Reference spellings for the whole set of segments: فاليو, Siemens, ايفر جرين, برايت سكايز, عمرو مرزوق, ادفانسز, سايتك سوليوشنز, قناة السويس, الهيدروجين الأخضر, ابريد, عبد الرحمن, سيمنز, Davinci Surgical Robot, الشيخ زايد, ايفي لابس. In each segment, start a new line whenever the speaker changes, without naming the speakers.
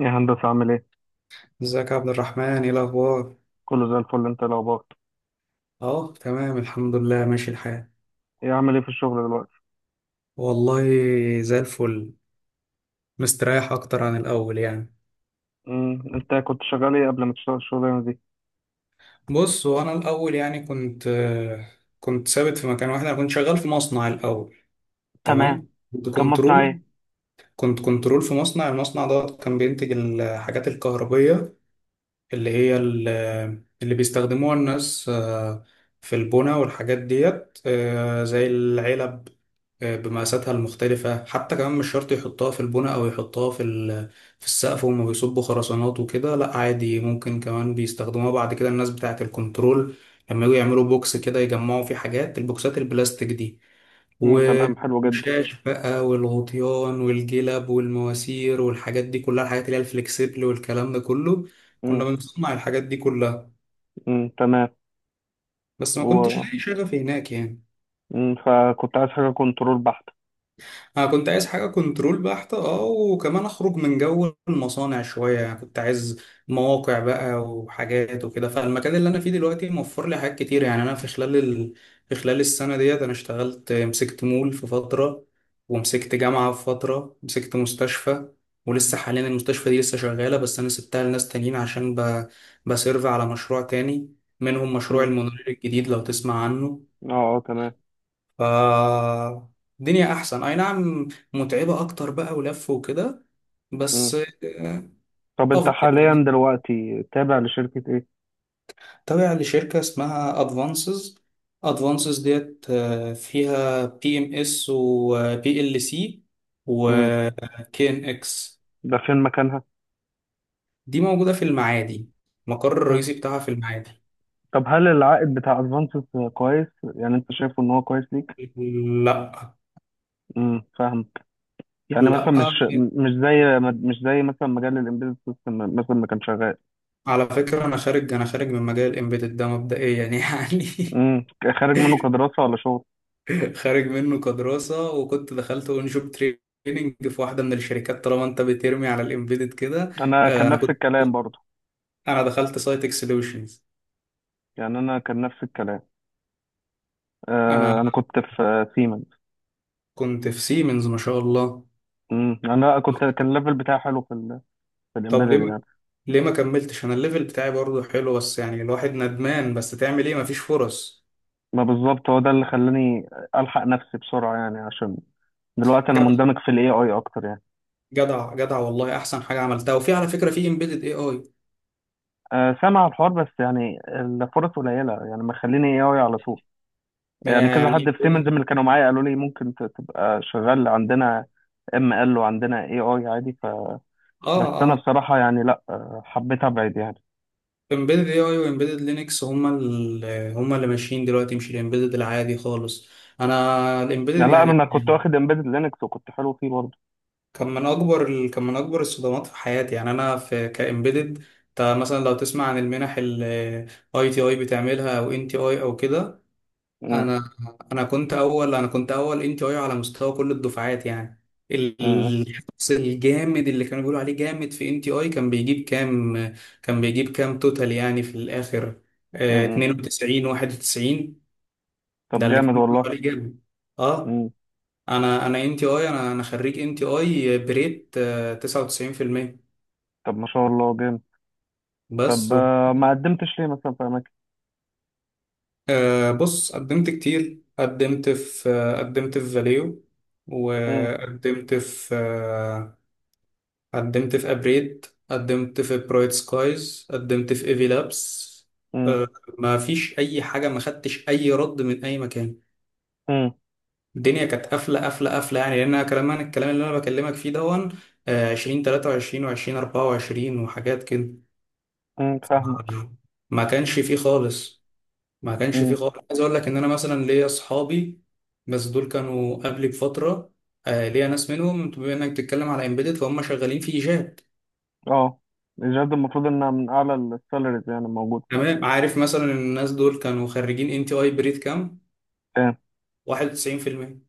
يا هندسة عامل ايه؟
ازيك يا عبد الرحمن؟ ايه الاخبار؟
كله زي الفل، انت إيه الاخبار؟
اه، تمام، الحمد لله، ماشي الحال.
ايه عامل ايه في الشغل دلوقتي؟
والله زي الفل. مستريح اكتر عن الاول يعني.
انت كنت شغال ايه قبل ما تشتغل الشغلانة دي؟
بص، وانا الاول يعني كنت ثابت في مكان واحد. انا كنت شغال في مصنع الاول.
تمام.
تمام، كنت
كان مصنع
كنترول.
ايه؟
كنت كنترول في مصنع. المصنع ده كان بينتج الحاجات الكهربية اللي هي ال- اللي بيستخدموها الناس، في البنا والحاجات ديت، زي العلب، بمقاساتها المختلفة. حتى كمان مش شرط يحطها في البناء أو يحطها في في السقف وهم بيصبوا خرسانات وكده. لأ، عادي، ممكن كمان بيستخدموها بعد كده الناس بتاعة الكنترول، لما يجوا يعملوا بوكس كده يجمعوا فيه حاجات. البوكسات البلاستيك دي
امم،
والشاش
تمام، حلو جدا.
بقى والغطيان والجلب والمواسير والحاجات دي كلها، الحاجات اللي هي الفلكسبل والكلام ده كله،
امم.
كنا بنصنع الحاجات دي كلها.
امم، تمام.
بس ما كنتش
و
لاقي شغف هناك يعني.
فكنت عايز حاجة كنترول بحت.
انا كنت عايز حاجه كنترول بحته، اه، وكمان اخرج من جو المصانع شويه يعني. كنت عايز مواقع بقى وحاجات وكده، فالمكان اللي انا فيه دلوقتي موفر لي حاجات كتير يعني. انا في خلال السنه ديت انا اشتغلت، مسكت مول في فتره، ومسكت جامعه في فتره، مسكت مستشفى. ولسه حاليا المستشفى دي لسه شغاله، بس انا سبتها لناس تانيين عشان بسيرف على مشروع تاني، منهم مشروع
امم.
المونوريل الجديد لو تسمع عنه.
اه، اه، تمام.
ف الدنيا احسن، اي نعم، متعبة اكتر بقى ولف وكده، بس
امم.
آه،
طب انت
افضل
حاليا
يعني.
دلوقتي تابع لشركة ايه؟
تابع لشركة اسمها ادفانسز. ادفانسز ديت فيها بي ام اس وبي ال سي
امم.
وكي ان اكس.
ده فين مكانها؟
دي موجودة في المعادي. المقر
امم.
الرئيسي بتاعها في المعادي.
طب هل العائد بتاع ادفانسز كويس؟ يعني انت شايفه ان هو كويس ليك؟
لا،
امم، فاهم. يعني مثلا
لا.
مش زي، مش زي مثلا مجال الامبيدد سيستم مثلا ما كان شغال.
على فكرة انا خارج من مجال الامبيدد ده مبدئيا يعني.
امم. خارج منه كدراسه ولا شغل؟
خارج منه كدراسة، وكنت دخلت اون شوب تريننج في واحدة من الشركات طالما انت بترمي على الامبيدد كده.
انا كان
آه، انا
نفس
كنت
الكلام برضو.
انا دخلت سايتك سوليوشنز.
يعني انا كان نفس الكلام.
انا
انا كنت في سيمنز.
كنت في سيمنز، ما شاء الله.
انا كنت كان الليفل بتاعي حلو في في
طب
الامبيدد
ليه
يعني.
ليه ما كملتش؟ انا الليفل بتاعي برضه حلو، بس يعني الواحد ندمان، بس تعمل ايه، مفيش فرص.
ما بالظبط هو ده اللي خلاني الحق نفسي بسرعه يعني، عشان دلوقتي انا
جدع،
مندمج في الاي اي اكتر يعني.
جدع، جدع، والله احسن حاجة عملتها. وفي على فكرة في امبيدد اي اي
سامع الحوار، بس يعني الفرص قليله يعني، ما خليني اي اي على طول. يعني كذا
يعني.
حد في سيمنز من اللي كانوا معايا قالوا لي ممكن تبقى شغال عندنا، اما قال له عندنا اي اي عادي.
اه،
فبس انا
اه،
بصراحه يعني، لا، حبيت ابعد يعني.
امبيدد اي اي وامبيدد لينكس هما اللي ماشيين دلوقتي، مش الامبيدد العادي خالص. انا
لا،
الامبيدد
لا،
يعني
انا كنت واخد امبيدد لينكس وكنت حلو فيه برضه.
كان من اكبر الصدمات في حياتي يعني. انا في كامبيدد مثلا، لو تسمع عن المنح، الاي تي اي بتعملها او ان تي اي او كده.
مم.
انا انا كنت اول، ان تي اي على مستوى كل الدفعات يعني.
مم.
الشخص الجامد اللي كانوا بيقولوا عليه جامد في ان تي اي كان بيجيب كام؟ كان بيجيب كام توتال يعني في الاخر؟
مم.
92 91. ده
طب
اللي
جامد
كانوا بيقولوا
والله.
عليه جامد، اه.
مم.
انا خريج ان تي اي بريت 99%.
طب ما شاء الله جامد. طب
بس
ما قدمتش ليه مثلا في اماكن؟
بص، قدمت كتير. قدمت في قدمت في فاليو،
مم.
وقدمت في قدمت في ابريد، قدمت في برايت سكايز، قدمت في ايفي لابس.
مم.
أه، ما فيش اي حاجه. ما خدتش اي رد من اي مكان.
مم.
الدنيا كانت قافله، قافله، قافله يعني. لان أنا كلام انا الكلام اللي انا بكلمك فيه دون 2023 و20 24 وحاجات كده.
مم،
ما
فاهمك.
ما كانش فيه خالص. ما كانش فيه
مم.
خالص. عايز اقول لك ان انا مثلا ليا اصحابي، بس دول كانوا قبلي بفتره. ليا ناس منهم، بما انك بتتكلم على امبيدد، فهم شغالين في جات.
اه. الجهاز المفروض انها من اعلى السالاريز يعني موجوده.
تمام، عارف مثلا إن الناس دول كانوا خريجين ان تي اي بريد كام؟
تمام.
91%.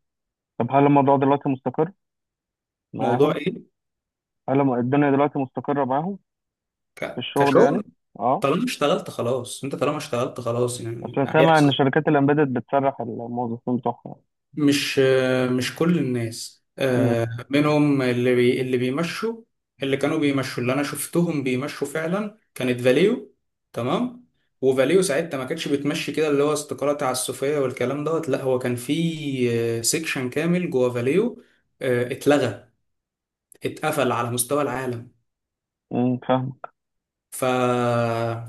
طب هل الموضوع دلوقتي مستقر
موضوع
معاهم؟
ايه؟
هل الدنيا دلوقتي مستقره معاهم؟ في الشغل يعني.
كشغل؟
اه.
طالما اشتغلت خلاص انت، طالما اشتغلت خلاص يعني
أصل سامع إن
هيحصل.
شركات الإمبيدد بتسرح الموظفين بتوعها.
مش مش كل الناس،
أمم.
منهم اللي بيمشوا. اللي كانوا بيمشوا، اللي انا شفتهم بيمشوا فعلا، كانت فاليو. تمام. وفاليو ساعتها ما كانتش بتمشي كده، اللي هو استقالة تعسفية والكلام دوت. لا، هو كان في سيكشن كامل جوه فاليو اتلغى، اتقفل على مستوى العالم.
أمم، فاهمك.
ف...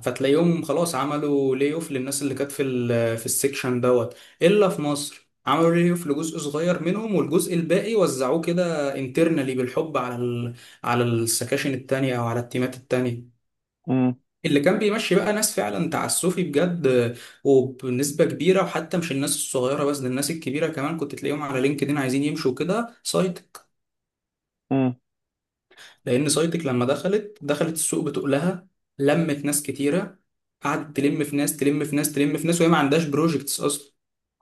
فتلاقيهم خلاص عملوا لي اوف للناس اللي كانت في في السكشن دوت. الا في مصر عملوا لي اوف لجزء صغير منهم، والجزء الباقي وزعوه كده انترنالي بالحب على على السكاشن التانية او على التيمات التانية.
أمم.
اللي كان بيمشي بقى ناس فعلا تعسفي بجد، وبنسبة كبيرة، وحتى مش الناس الصغيرة بس، ده الناس الكبيرة كمان كنت تلاقيهم على لينكدين عايزين يمشوا كده سايت.
أمم.
لان سايتك لما دخلت السوق بتقلها، لمت ناس كتيره. قعدت تلم في ناس، تلم في ناس، تلم في ناس، وهي ما عندهاش بروجكتس اصلا.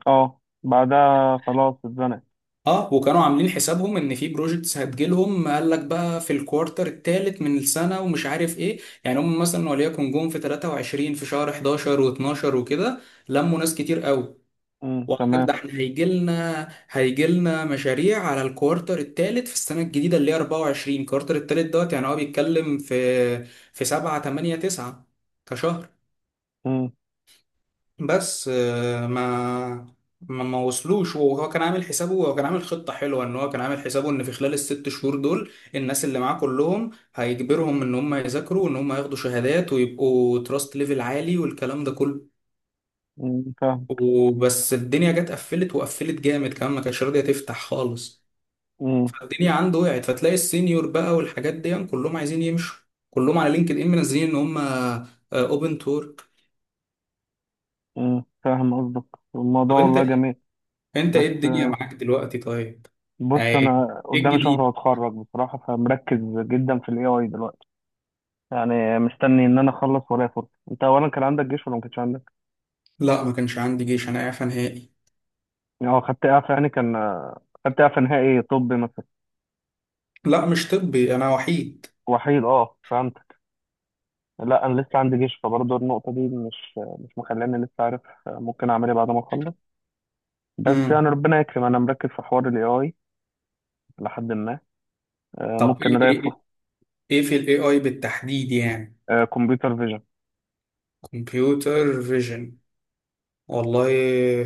أه، بعدها خلاص اتزنقت.
اه، وكانوا عاملين حسابهم ان في بروجكتس هتجيلهم. قال لك بقى في الكوارتر الثالث من السنه ومش عارف ايه يعني. هم مثلا وليكن جم في 23 في شهر 11 و12 وكده، لموا ناس كتير قوي.
أمم،
وعندك،
تمام.
ده احنا هيجي لنا مشاريع على الكوارتر الثالث في السنه الجديده اللي هي 24. الكوارتر الثالث دوت، يعني هو بيتكلم في في 7 8 9 كشهر.
أمم.
بس ما وصلوش. وهو كان عامل حسابه، هو كان عامل خطه حلوه، ان هو كان عامل حسابه ان في خلال الست شهور دول الناس اللي معاه كلهم هيجبرهم ان هم يذاكروا وان هم ياخدوا شهادات ويبقوا تراست ليفل عالي والكلام ده كله.
أمم، فاهم.
وبس الدنيا جت قفلت، وقفلت جامد كمان، ما كانتش راضيه تفتح خالص.
أمم،
الدنيا عنده وقعت، فتلاقي السينيور بقى والحاجات دي كلهم عايزين يمشوا، كلهم على لينكد ان منزلين ان هم اوبن تورك.
أمم، فاهم قصدك. الموضوع
طب انت
والله جميل.
انت ايه
بس
الدنيا معاك دلوقتي طيب؟
بص
يعني
أنا
ايه
قدامي شهر
الجديد؟
وأتخرج بصراحة، فمركز جدا في ال AI دلوقتي. يعني مستني إن أنا أخلص ورايا فرصة. أنت أولا كان عندك جيش ولا ما كانش عندك؟
لا، ما كانش عندي جيش، انا اعفى نهائي.
أه، خدت إعفاء يعني، كان خدت إعفاء نهائي طبي مثلا.
لا، مش طبي، انا وحيد.
وحيد، أه، فهمت. لا، انا لسه عندي جيش، فبرضه النقطه دي مش مخلاني لسه عارف ممكن اعمل ايه بعد ما اخلص. بس
امم
يعني ربنا يكرم، انا مركز في حوار الاي اي لحد ما
طب
ممكن
ايه
الاقي
ايه ايه
فرصه.
إيه في الاي اي بالتحديد يعني؟
كمبيوتر فيجن.
كمبيوتر فيجن. والله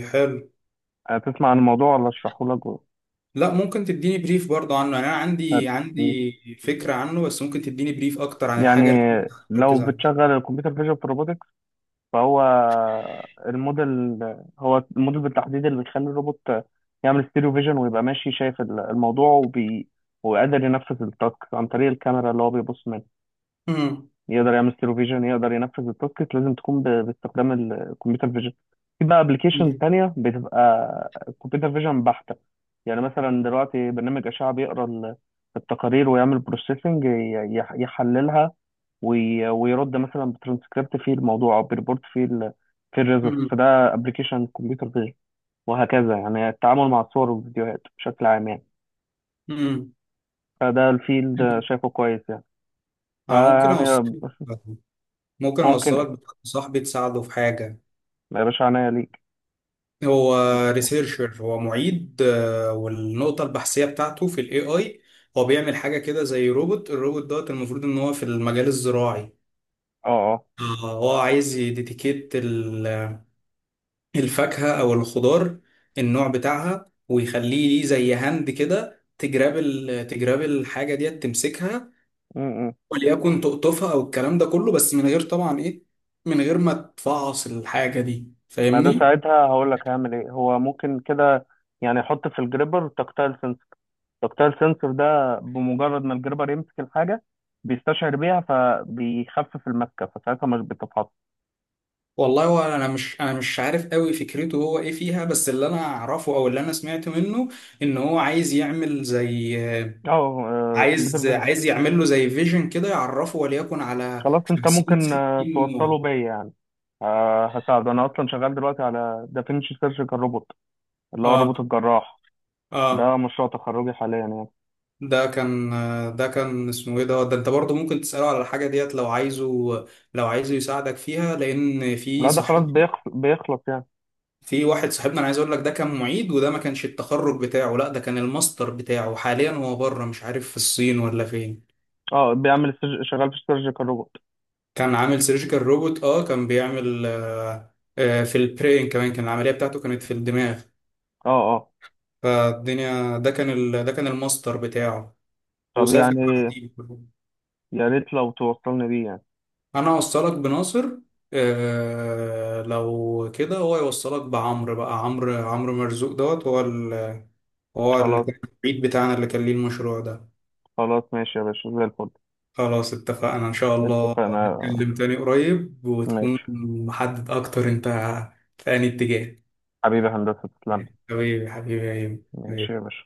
حلو.
هتسمع عن الموضوع ولا اشرحه لك
لا، ممكن تديني بريف برضه عنه يعني. انا عندي
هت-
عندي فكرة عنه، بس ممكن تديني بريف اكتر عن
يعني
الحاجة اللي انت
لو
مركز.
بتشغل الكمبيوتر فيجن في الروبوتكس؟ فهو الموديل هو الموديل بالتحديد اللي بيخلي الروبوت يعمل ستيريو فيجن ويبقى ماشي شايف الموضوع وقادر ينفذ التاسك عن طريق الكاميرا اللي هو بيبص منها.
مم.
يقدر يعمل ستيرو فيجن، يقدر ينفذ التاسكت، لازم تكون باستخدام الكمبيوتر فيجن. في بقى ابلكيشن
مم.
تانية بتبقى كمبيوتر فيجن بحتة. يعني مثلا دلوقتي برنامج أشعة بيقرا التقارير ويعمل بروسيسنج، يحللها، ويرد مثلا بترانسكريبت في الموضوع او بريبورت في الريزلت، فده ابلكيشن كمبيوتر فيجن. وهكذا يعني التعامل مع الصور والفيديوهات بشكل عام يعني.
مم.
فده الفيلد
مم.
شايفه كويس يعني.
آه، ممكن
فيعني.
أوصلك ممكن
ممكن
أوصلك
ايه؟
بحد صاحبي تساعده في حاجة.
يا باشا عناية.
هو
ليك.
ريسيرشر، هو معيد والنقطة البحثية بتاعته في الاي اي. هو بيعمل حاجة كده زي روبوت. الروبوت دوت المفروض ان هو في المجال الزراعي.
اه، اه.
آه، هو عايز يديتيكيت الفاكهة او الخضار، النوع بتاعها، ويخليه ليه زي هاند كده تجراب الحاجة ديت، تمسكها
م- م.
وليكن تقطفها او الكلام ده كله، بس من غير طبعا ايه، من غير ما تفعص الحاجه دي،
ما ده
فاهمني.
ساعتها هقول لك هعمل ايه. هو ممكن كده يعني احط في الجريبر تكتايل سنسور. تكتايل سنسور ده بمجرد ما الجريبر يمسك الحاجه، بيستشعر بيها فبيخفف المسكه، فساعتها مش بتتحط.
والله، هو انا مش عارف قوي فكرته هو ايه فيها، بس اللي انا اعرفه او اللي انا سمعت منه، ان هو عايز يعمل زي
اه، كمبيوتر
عايز
فيجن.
عايز يعمل له زي فيجن كده يعرفه، وليكن على
خلاص، انت
50
ممكن
60 نوع.
توصله بيا يعني. هساعده، انا اصلا شغال دلوقتي على دافينشي سيرجيكال روبوت اللي هو الروبوت
اه،
الجراح. ده
اه،
مشروع تخرجي حاليا يعني.
ده كان ده كان اسمه ايه ده؟ ده انت برضه ممكن تسأله على الحاجة ديت لو عايزه، لو عايزه يساعدك فيها، لان في
لا، ده خلاص
صحيح.
بيخلص يعني.
في واحد صاحبنا، انا عايز اقول لك، ده كان معيد، وده ما كانش التخرج بتاعه، لا ده كان الماستر بتاعه. حاليا هو بره، مش عارف في الصين ولا فين.
اه، بيعمل شغال في السيرجيكال روبوت.
كان عامل سيرجيكال روبوت، اه، كان بيعمل في البرين كمان، كان العملية بتاعته كانت في الدماغ.
اه، اه.
فالدنيا، ده كان الماستر بتاعه،
طب
وسافر
يعني،
بعديه.
يا ريت لو توصلني بيه يعني.
انا اوصلك بناصر، لو كده هو يوصلك بعمرو بقى. عمرو مرزوق دوت، هو هو ال-
خلاص.
المعيد بتاعنا اللي كان ليه المشروع ده.
خلاص، ماشي يا باشا، زي الفل.
خلاص، اتفقنا إن شاء الله
اتفقنا.
هنتكلم تاني قريب وتكون
ماشي.
محدد أكتر أنت في أي اتجاه.
حبيبي هندسة، تسلم.
حبيبي، حبيبي يا
ماشي يا
هيم.
باشا